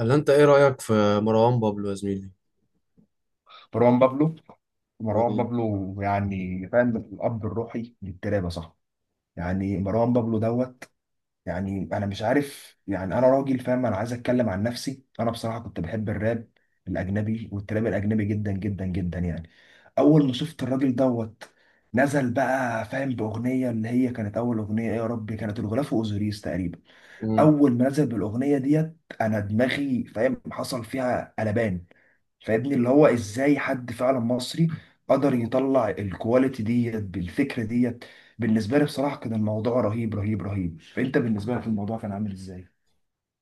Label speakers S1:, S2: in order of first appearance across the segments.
S1: اللي انت ايه رأيك في مروان بابلو يا زميلي؟
S2: مروان بابلو مروان بابلو. يعني فاهم الاب الروحي للتراب يا صاحبي. يعني مروان بابلو دوت. يعني انا مش عارف، يعني انا راجل فاهم، انا عايز اتكلم عن نفسي. انا بصراحه كنت بحب الراب الاجنبي والتراب الاجنبي جدا جدا جدا يعني. اول ما شفت الراجل دوت نزل بقى فاهم باغنيه اللي هي كانت اول اغنيه، إيه يا ربي، كانت الغلاف اوزوريس تقريبا.
S1: امم
S2: اول ما نزل بالاغنيه ديت انا دماغي فاهم حصل فيها قلبان. فابني اللي هو ازاي حد فعلا مصري قدر يطلع الكواليتي ديت بالفكره ديت. بالنسبه لي بصراحه كان الموضوع رهيب رهيب رهيب. فانت بالنسبه لك الموضوع كان عامل ازاي؟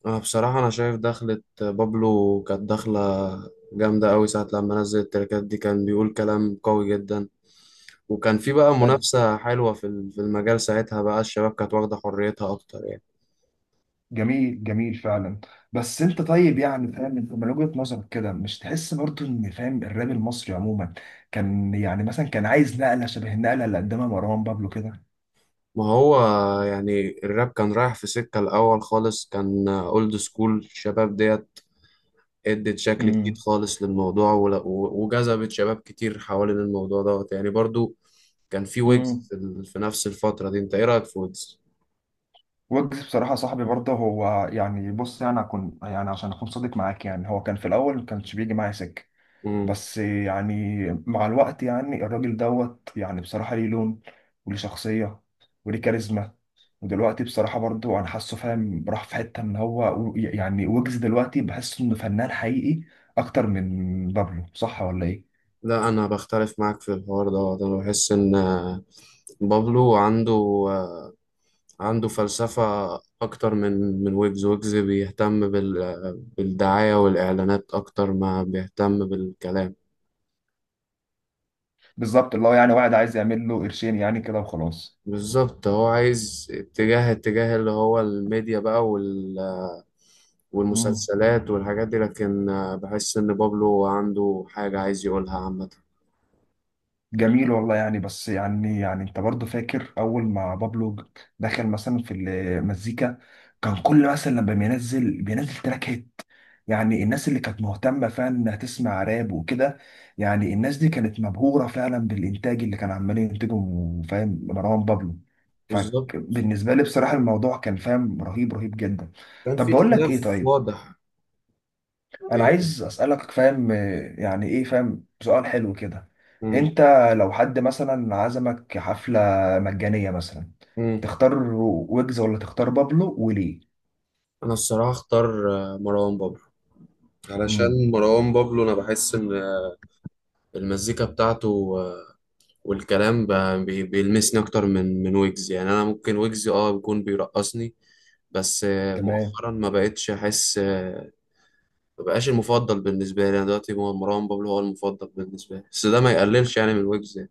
S1: انا بصراحة انا شايف دخلة بابلو كانت دخلة جامدة قوي، ساعة لما نزل التركات دي كان بيقول كلام قوي جدا. وكان في بقى
S2: حلو.
S1: منافسة حلوة في المجال، ساعتها بقى الشباب كانت واخدة حريتها اكتر يعني.
S2: جميل جميل فعلا. بس انت طيب، يعني فاهم، انت من وجهه نظرك كده مش تحس برضو ان فاهم الراب المصري عموما كان يعني مثلا كان عايز نقله شبه النقله اللي قدمها مروان بابلو كده؟
S1: ما هو يعني الراب كان رايح في سكة الاول خالص، كان اولد سكول. الشباب ديت ادت شكل جديد خالص للموضوع ول- و- وجذبت شباب كتير حوالين الموضوع دوت يعني. برضو كان في ويجز
S2: امم.
S1: في نفس الفترة دي. انت ايه رأيك في ويجز؟
S2: وجز بصراحة صاحبي برضه هو، يعني بص، يعني أكون، يعني عشان أكون صادق معاك، يعني هو كان في الأول ما كانش بيجي معايا سكة.
S1: مم.
S2: بس يعني مع الوقت يعني الراجل دوت يعني بصراحة ليه لون وليه شخصية وليه كاريزما. ودلوقتي بصراحة برضه أنا حاسه فاهم راح في حتة إن هو يعني وجز دلوقتي بحس إنه فنان حقيقي أكتر من بابلو، صح ولا إيه؟
S1: لا انا بختلف معاك في الحوار ده، انا بحس ان بابلو عنده، آه، عنده فلسفة اكتر من ويجز. ويجز بيهتم بالدعاية والاعلانات اكتر ما بيهتم بالكلام.
S2: بالظبط، اللي هو يعني واحد عايز يعمل له قرشين يعني كده وخلاص.
S1: بالظبط، هو عايز اتجاه، اللي هو الميديا بقى، وال آه، والمسلسلات والحاجات دي، لكن بحس ان بابلو عنده حاجة عايز يقولها عامة.
S2: جميل والله يعني. بس يعني، يعني انت برضه فاكر اول ما بابلو دخل مثلا في المزيكا، كان كل مثلا لما بينزل تراك هيت. يعني الناس اللي كانت مهتمه فعلا انها تسمع راب وكده، يعني الناس دي كانت مبهوره فعلا بالانتاج اللي كان عمال ينتجه فاهم مروان بابلو.
S1: بالظبط،
S2: فبالنسبه لي بصراحه الموضوع كان فاهم رهيب رهيب جدا.
S1: كان
S2: طب
S1: في
S2: بقول لك
S1: اختلاف
S2: ايه. طيب
S1: واضح
S2: انا
S1: بينهم.
S2: عايز اسالك فاهم يعني ايه فاهم سؤال حلو كده.
S1: مم.
S2: انت لو حد مثلا عزمك حفله مجانيه مثلا،
S1: مم.
S2: تختار ويجز ولا تختار بابلو، وليه؟
S1: انا الصراحه اختار مروان بابلو،
S2: امم.
S1: علشان مروان بابلو انا بحس ان، المزيكا بتاعته والكلام بيلمسني اكتر من ويجز. يعني انا ممكن ويجز اه بيكون بيرقصني، بس
S2: تمام.
S1: مؤخرا ما بقتش احس ما بقاش المفضل بالنسبه لي. انا دلوقتي هو مروان بابلو هو المفضل بالنسبه لي، بس ده ما يقللش يعني من ويجز يعني.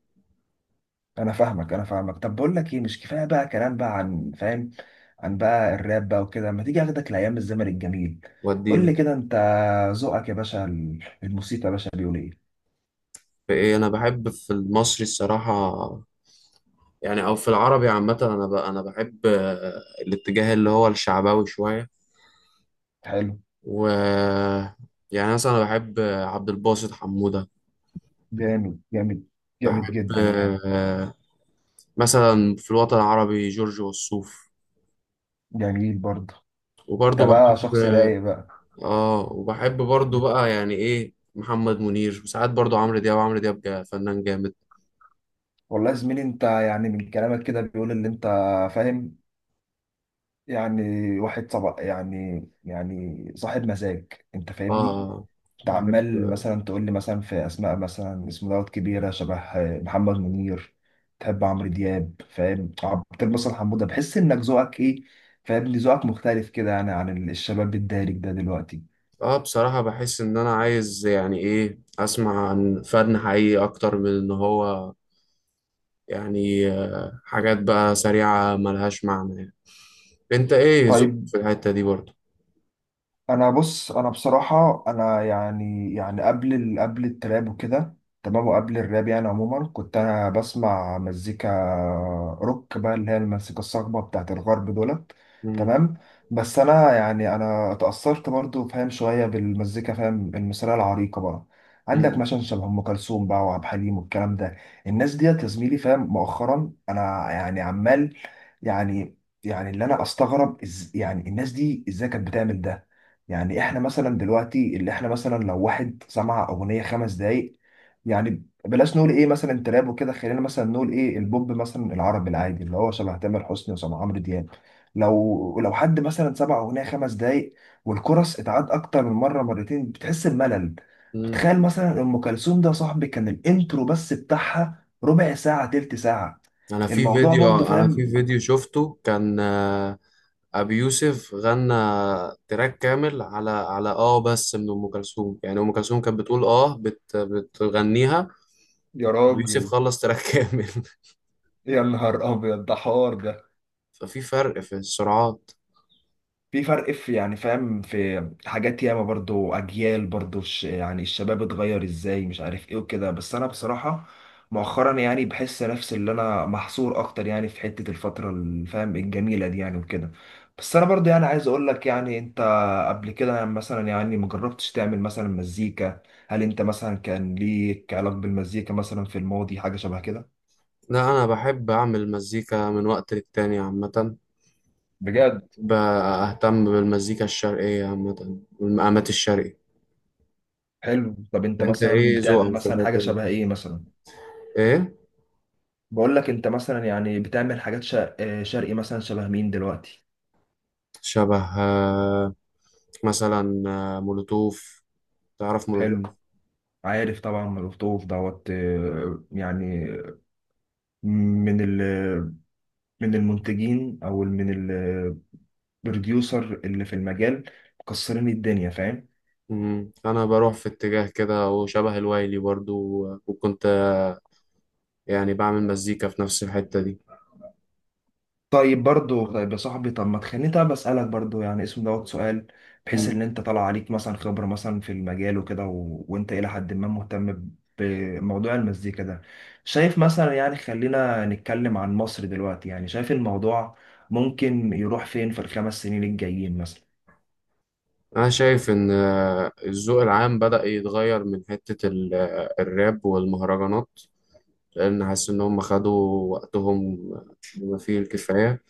S2: انا فاهمك. طب بقول لك ايه، مش كفايه بقى كلام بقى عن فاهم، عن بقى الراب بقى وكده. ما تيجي اخدك لايام الزمن الجميل؟ قول لي
S1: وديني
S2: كده، انت ذوقك يا باشا، الموسيقى يا باشا بيقول ايه؟
S1: في ايه؟ انا بحب في المصري الصراحه يعني، او في العربي عامه، انا انا بحب الاتجاه اللي هو الشعبوي شويه،
S2: حلو.
S1: و يعني مثلا انا بحب عبد الباسط حموده،
S2: جامد جامد. جامد
S1: بحب
S2: جدا يعني.
S1: آه، مثلا في الوطن العربي جورج وسوف،
S2: جميل برضه.
S1: وبرضه
S2: انت بقى شخص
S1: بحب
S2: رايق بقى.
S1: اه، وبحب برضه
S2: بت-
S1: بقى يعني ايه محمد منير، وساعات برضه عمرو دياب. عمرو دياب فنان جامد.
S2: والله يا زميلي انت يعني من كلامك كده بيقول ان انت فاهم يعني واحد صبا يعني، يعني صاحب مزاج. انت فاهمني؟
S1: اه
S2: انت
S1: بحب
S2: عمال مثلا تقول لي مثلا في اسماء مثلا اسم دوت كبيره، شبه محمد منير، تحب عمرو دياب فاهم عبد الباسط حموده. بحس انك ذوقك ايه فاهمني، ذوقك مختلف كده يعني عن الشباب الدارج ده دلوقتي.
S1: اه. بصراحة بحس ان انا عايز يعني ايه اسمع عن فن حقيقي اكتر من ان هو يعني، حاجات بقى سريعة ملهاش معنى يعني. انت ايه ذوقك
S2: طيب.
S1: في الحتة دي برضو؟
S2: انا بص، انا بصراحه انا يعني يعني قبل التراب وكده تمام، وقبل الراب يعني عموما، كنت انا بسمع مزيكا روك بقى اللي هي المزيكا الصاخبه بتاعت الغرب دولت.
S1: مم.
S2: تمام. بس انا يعني انا اتاثرت برضو فاهم شويه بالمزيكا فاهم المصريه العريقه بقى. عندك
S1: مم.
S2: مثلا شبه ام كلثوم بقى وعبد الحليم والكلام ده. الناس ديت يا زميلي فاهم مؤخرا انا يعني عمال يعني يعني اللي انا استغرب إز... يعني الناس دي ازاي كانت بتعمل ده. يعني احنا مثلا دلوقتي اللي احنا مثلا لو واحد سمع اغنيه خمس دقايق، يعني بلاش نقول ايه مثلا تراب وكده، خلينا مثلا نقول ايه البوب مثلا العربي العادي اللي هو شبه تامر حسني وشبه عمرو دياب. لو حد مثلا سمع اغنيه خمس دقايق والكورس اتعاد اكتر من مره مرتين، بتحس بملل.
S1: مم.
S2: فتخيل مثلا ام كلثوم ده يا صاحبي، كان الانترو بس بتاعها ربع ساعه تلت ساعه.
S1: انا في
S2: الموضوع برضه
S1: فيديو، انا في
S2: فاهم.
S1: فيديو شفته كان ابي يوسف غنى تراك كامل على، على اه بس من ام كلثوم. يعني ام كلثوم كانت بتقول اه، بتغنيها،
S2: يا
S1: ابي يوسف
S2: راجل،
S1: خلص تراك كامل.
S2: يا نهار ابيض، ده حوار ده.
S1: ففي فرق في السرعات.
S2: في فرق، في يعني فاهم، في حاجات ياما برضو، اجيال برضو، يعني الشباب اتغير ازاي مش عارف ايه وكده. بس انا بصراحة مؤخرا يعني بحس نفسي اللي انا محصور اكتر يعني في حتة الفترة اللي فاهم الجميلة دي يعني وكده. بس انا برضو يعني عايز اقول لك، يعني انت قبل كده يعني مثلا، يعني مجربتش تعمل مثلا مزيكا، هل انت مثلا كان ليك علاقة بالمزيكا مثلا في الماضي، حاجة شبه كده؟
S1: لا انا بحب اعمل مزيكا من وقت للتاني عامة،
S2: بجد؟
S1: بهتم بالمزيكا الشرقية عامة والمقامات الشرقي.
S2: حلو. طب انت
S1: انت
S2: مثلا
S1: ايه
S2: بتعمل
S1: ذوقك في
S2: مثلا حاجة
S1: الحتة دي؟
S2: شبه ايه مثلا؟
S1: ايه
S2: بقول لك انت مثلا يعني بتعمل حاجات شرقي مثلا شبه مين دلوقتي؟
S1: شبه، مثلا مولوتوف، تعرف مولوتوف؟
S2: حلو. عارف طبعا، ملوخوف دوت يعني من ال، من المنتجين او من البروديوسر اللي في المجال، مكسرين الدنيا فاهم.
S1: مم. انا بروح في اتجاه كده وشبه الوايلي برضو، وكنت يعني بعمل مزيكا في نفس الحتة دي.
S2: طيب برضو. طيب يا صاحبي، طب ما تخليني طب اسالك برضو، يعني اسم دوت سؤال، بحيث
S1: مم.
S2: ان انت طالع عليك مثلا خبره مثلا في المجال وكده و... وانت الى حد ما مهتم بموضوع المزيكا ده. شايف مثلا يعني خلينا نتكلم عن مصر دلوقتي، يعني شايف الموضوع ممكن يروح فين في الخمس سنين الجايين مثلا؟
S1: انا شايف ان الذوق العام بدأ يتغير من حتة الراب والمهرجانات، لان حاسس ان هم خدوا وقتهم بما فيه الكفاية،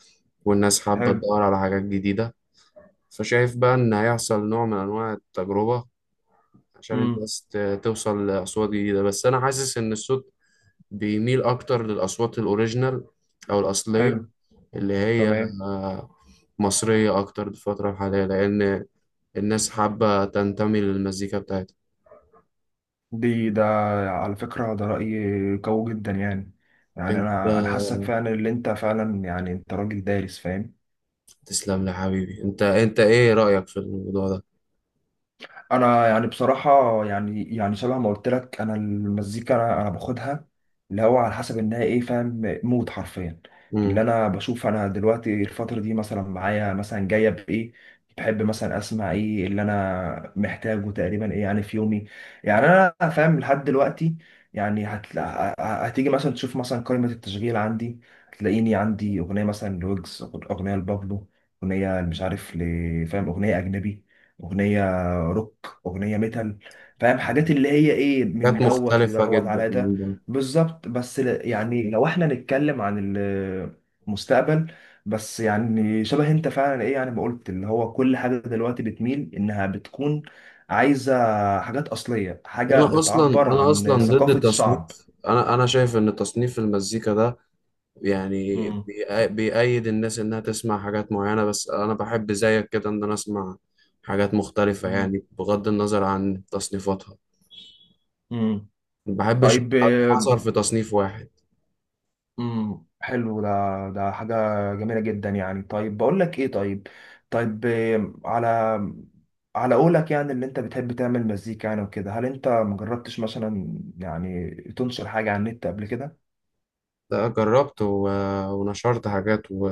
S1: والناس حابة
S2: حلو.
S1: تدور على حاجات جديدة. فشايف بقى إن هيحصل نوع من أنواع التجربة عشان
S2: امم.
S1: الناس توصل لأصوات جديدة، بس أنا حاسس إن الصوت بيميل أكتر للأصوات الأوريجينال أو الأصلية،
S2: حلو.
S1: اللي هي
S2: تمام.
S1: آه، مصرية أكتر في الفترة الحالية، لأن الناس حابة تنتمي للمزيكا بتاعتها.
S2: ده على فكرة ده رأي قوي جدا يعني. يعني
S1: أنت
S2: أنا حاسك فعلا اللي أنت فعلا يعني أنت راجل دارس فاهم.
S1: تسلم لي يا حبيبي. أنت، أنت إيه رأيك في الموضوع ده؟
S2: انا يعني بصراحه يعني يعني شبه ما قلت لك، انا المزيكا أنا باخدها اللي هو على حسب انها ايه، فاهم، مود حرفيا. اللي
S1: مم.
S2: انا بشوف انا دلوقتي الفتره دي مثلا معايا مثلا جايه بايه، بحب مثلا اسمع ايه اللي انا محتاجه تقريبا ايه يعني في يومي. يعني انا فاهم لحد دلوقتي يعني هتيجي مثلا تشوف مثلا قائمه التشغيل عندي، هتلاقيني عندي اغنيه مثلا لويجز، اغنيه لبابلو، اغنيه مش عارف فاهم اغنيه اجنبي، اغنيه، اغنيه ميتال، فاهم حاجات اللي هي ايه من
S1: حاجات
S2: دوت
S1: مختلفة
S2: لدوت
S1: جدا.
S2: على ده. بالظبط. بس يعني لو احنا نتكلم عن المستقبل، بس يعني شبه انت فعلا ايه يعني ما قلت، اللي هو كل حاجه دلوقتي بتميل انها بتكون عايزه حاجات اصليه، حاجه بتعبر
S1: انا
S2: عن
S1: اصلا ضد
S2: ثقافه
S1: تصنيف.
S2: الشعب.
S1: انا شايف ان تصنيف المزيكا ده يعني
S2: مم.
S1: بيأيد الناس انها تسمع حاجات معينة، بس انا بحب زيك كده ان انا اسمع حاجات مختلفة
S2: مم.
S1: يعني، بغض النظر عن تصنيفاتها.
S2: مم.
S1: ما بحبش
S2: طيب.
S1: اتحصر في تصنيف واحد.
S2: امم، حلو ده، ده حاجة جميلة جدا يعني. طيب بقول لك ايه طيب، طيب إيه، على على قولك يعني اللي انت بتحب تعمل مزيكا يعني وكده، هل انت مجربتش مثلا يعني تنشر حاجة على النت قبل كده؟
S1: لا، جربت ونشرت حاجات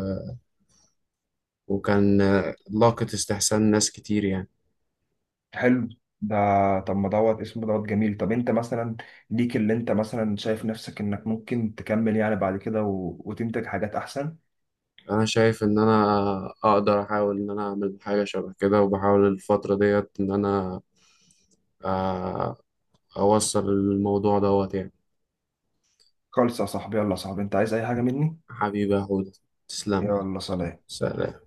S1: وكان لاقت استحسان ناس كتير يعني.
S2: حلو. ده، طب ما دوت اسمه دوت جميل. طب انت مثلا ليك اللي انت مثلا شايف نفسك انك ممكن تكمل يعني بعد كده و... وتنتج حاجات احسن؟
S1: انا شايف ان انا اقدر احاول ان انا اعمل حاجة شبه كده، وبحاول الفترة ديت ان انا آه، أوصل الموضوع دوت يعني.
S2: خالص يا صاحبي. يلا يا صاحبي، انت عايز اي حاجة مني؟
S1: حبيبي يا هدى، تسلم.
S2: يلا سلام.
S1: سلام.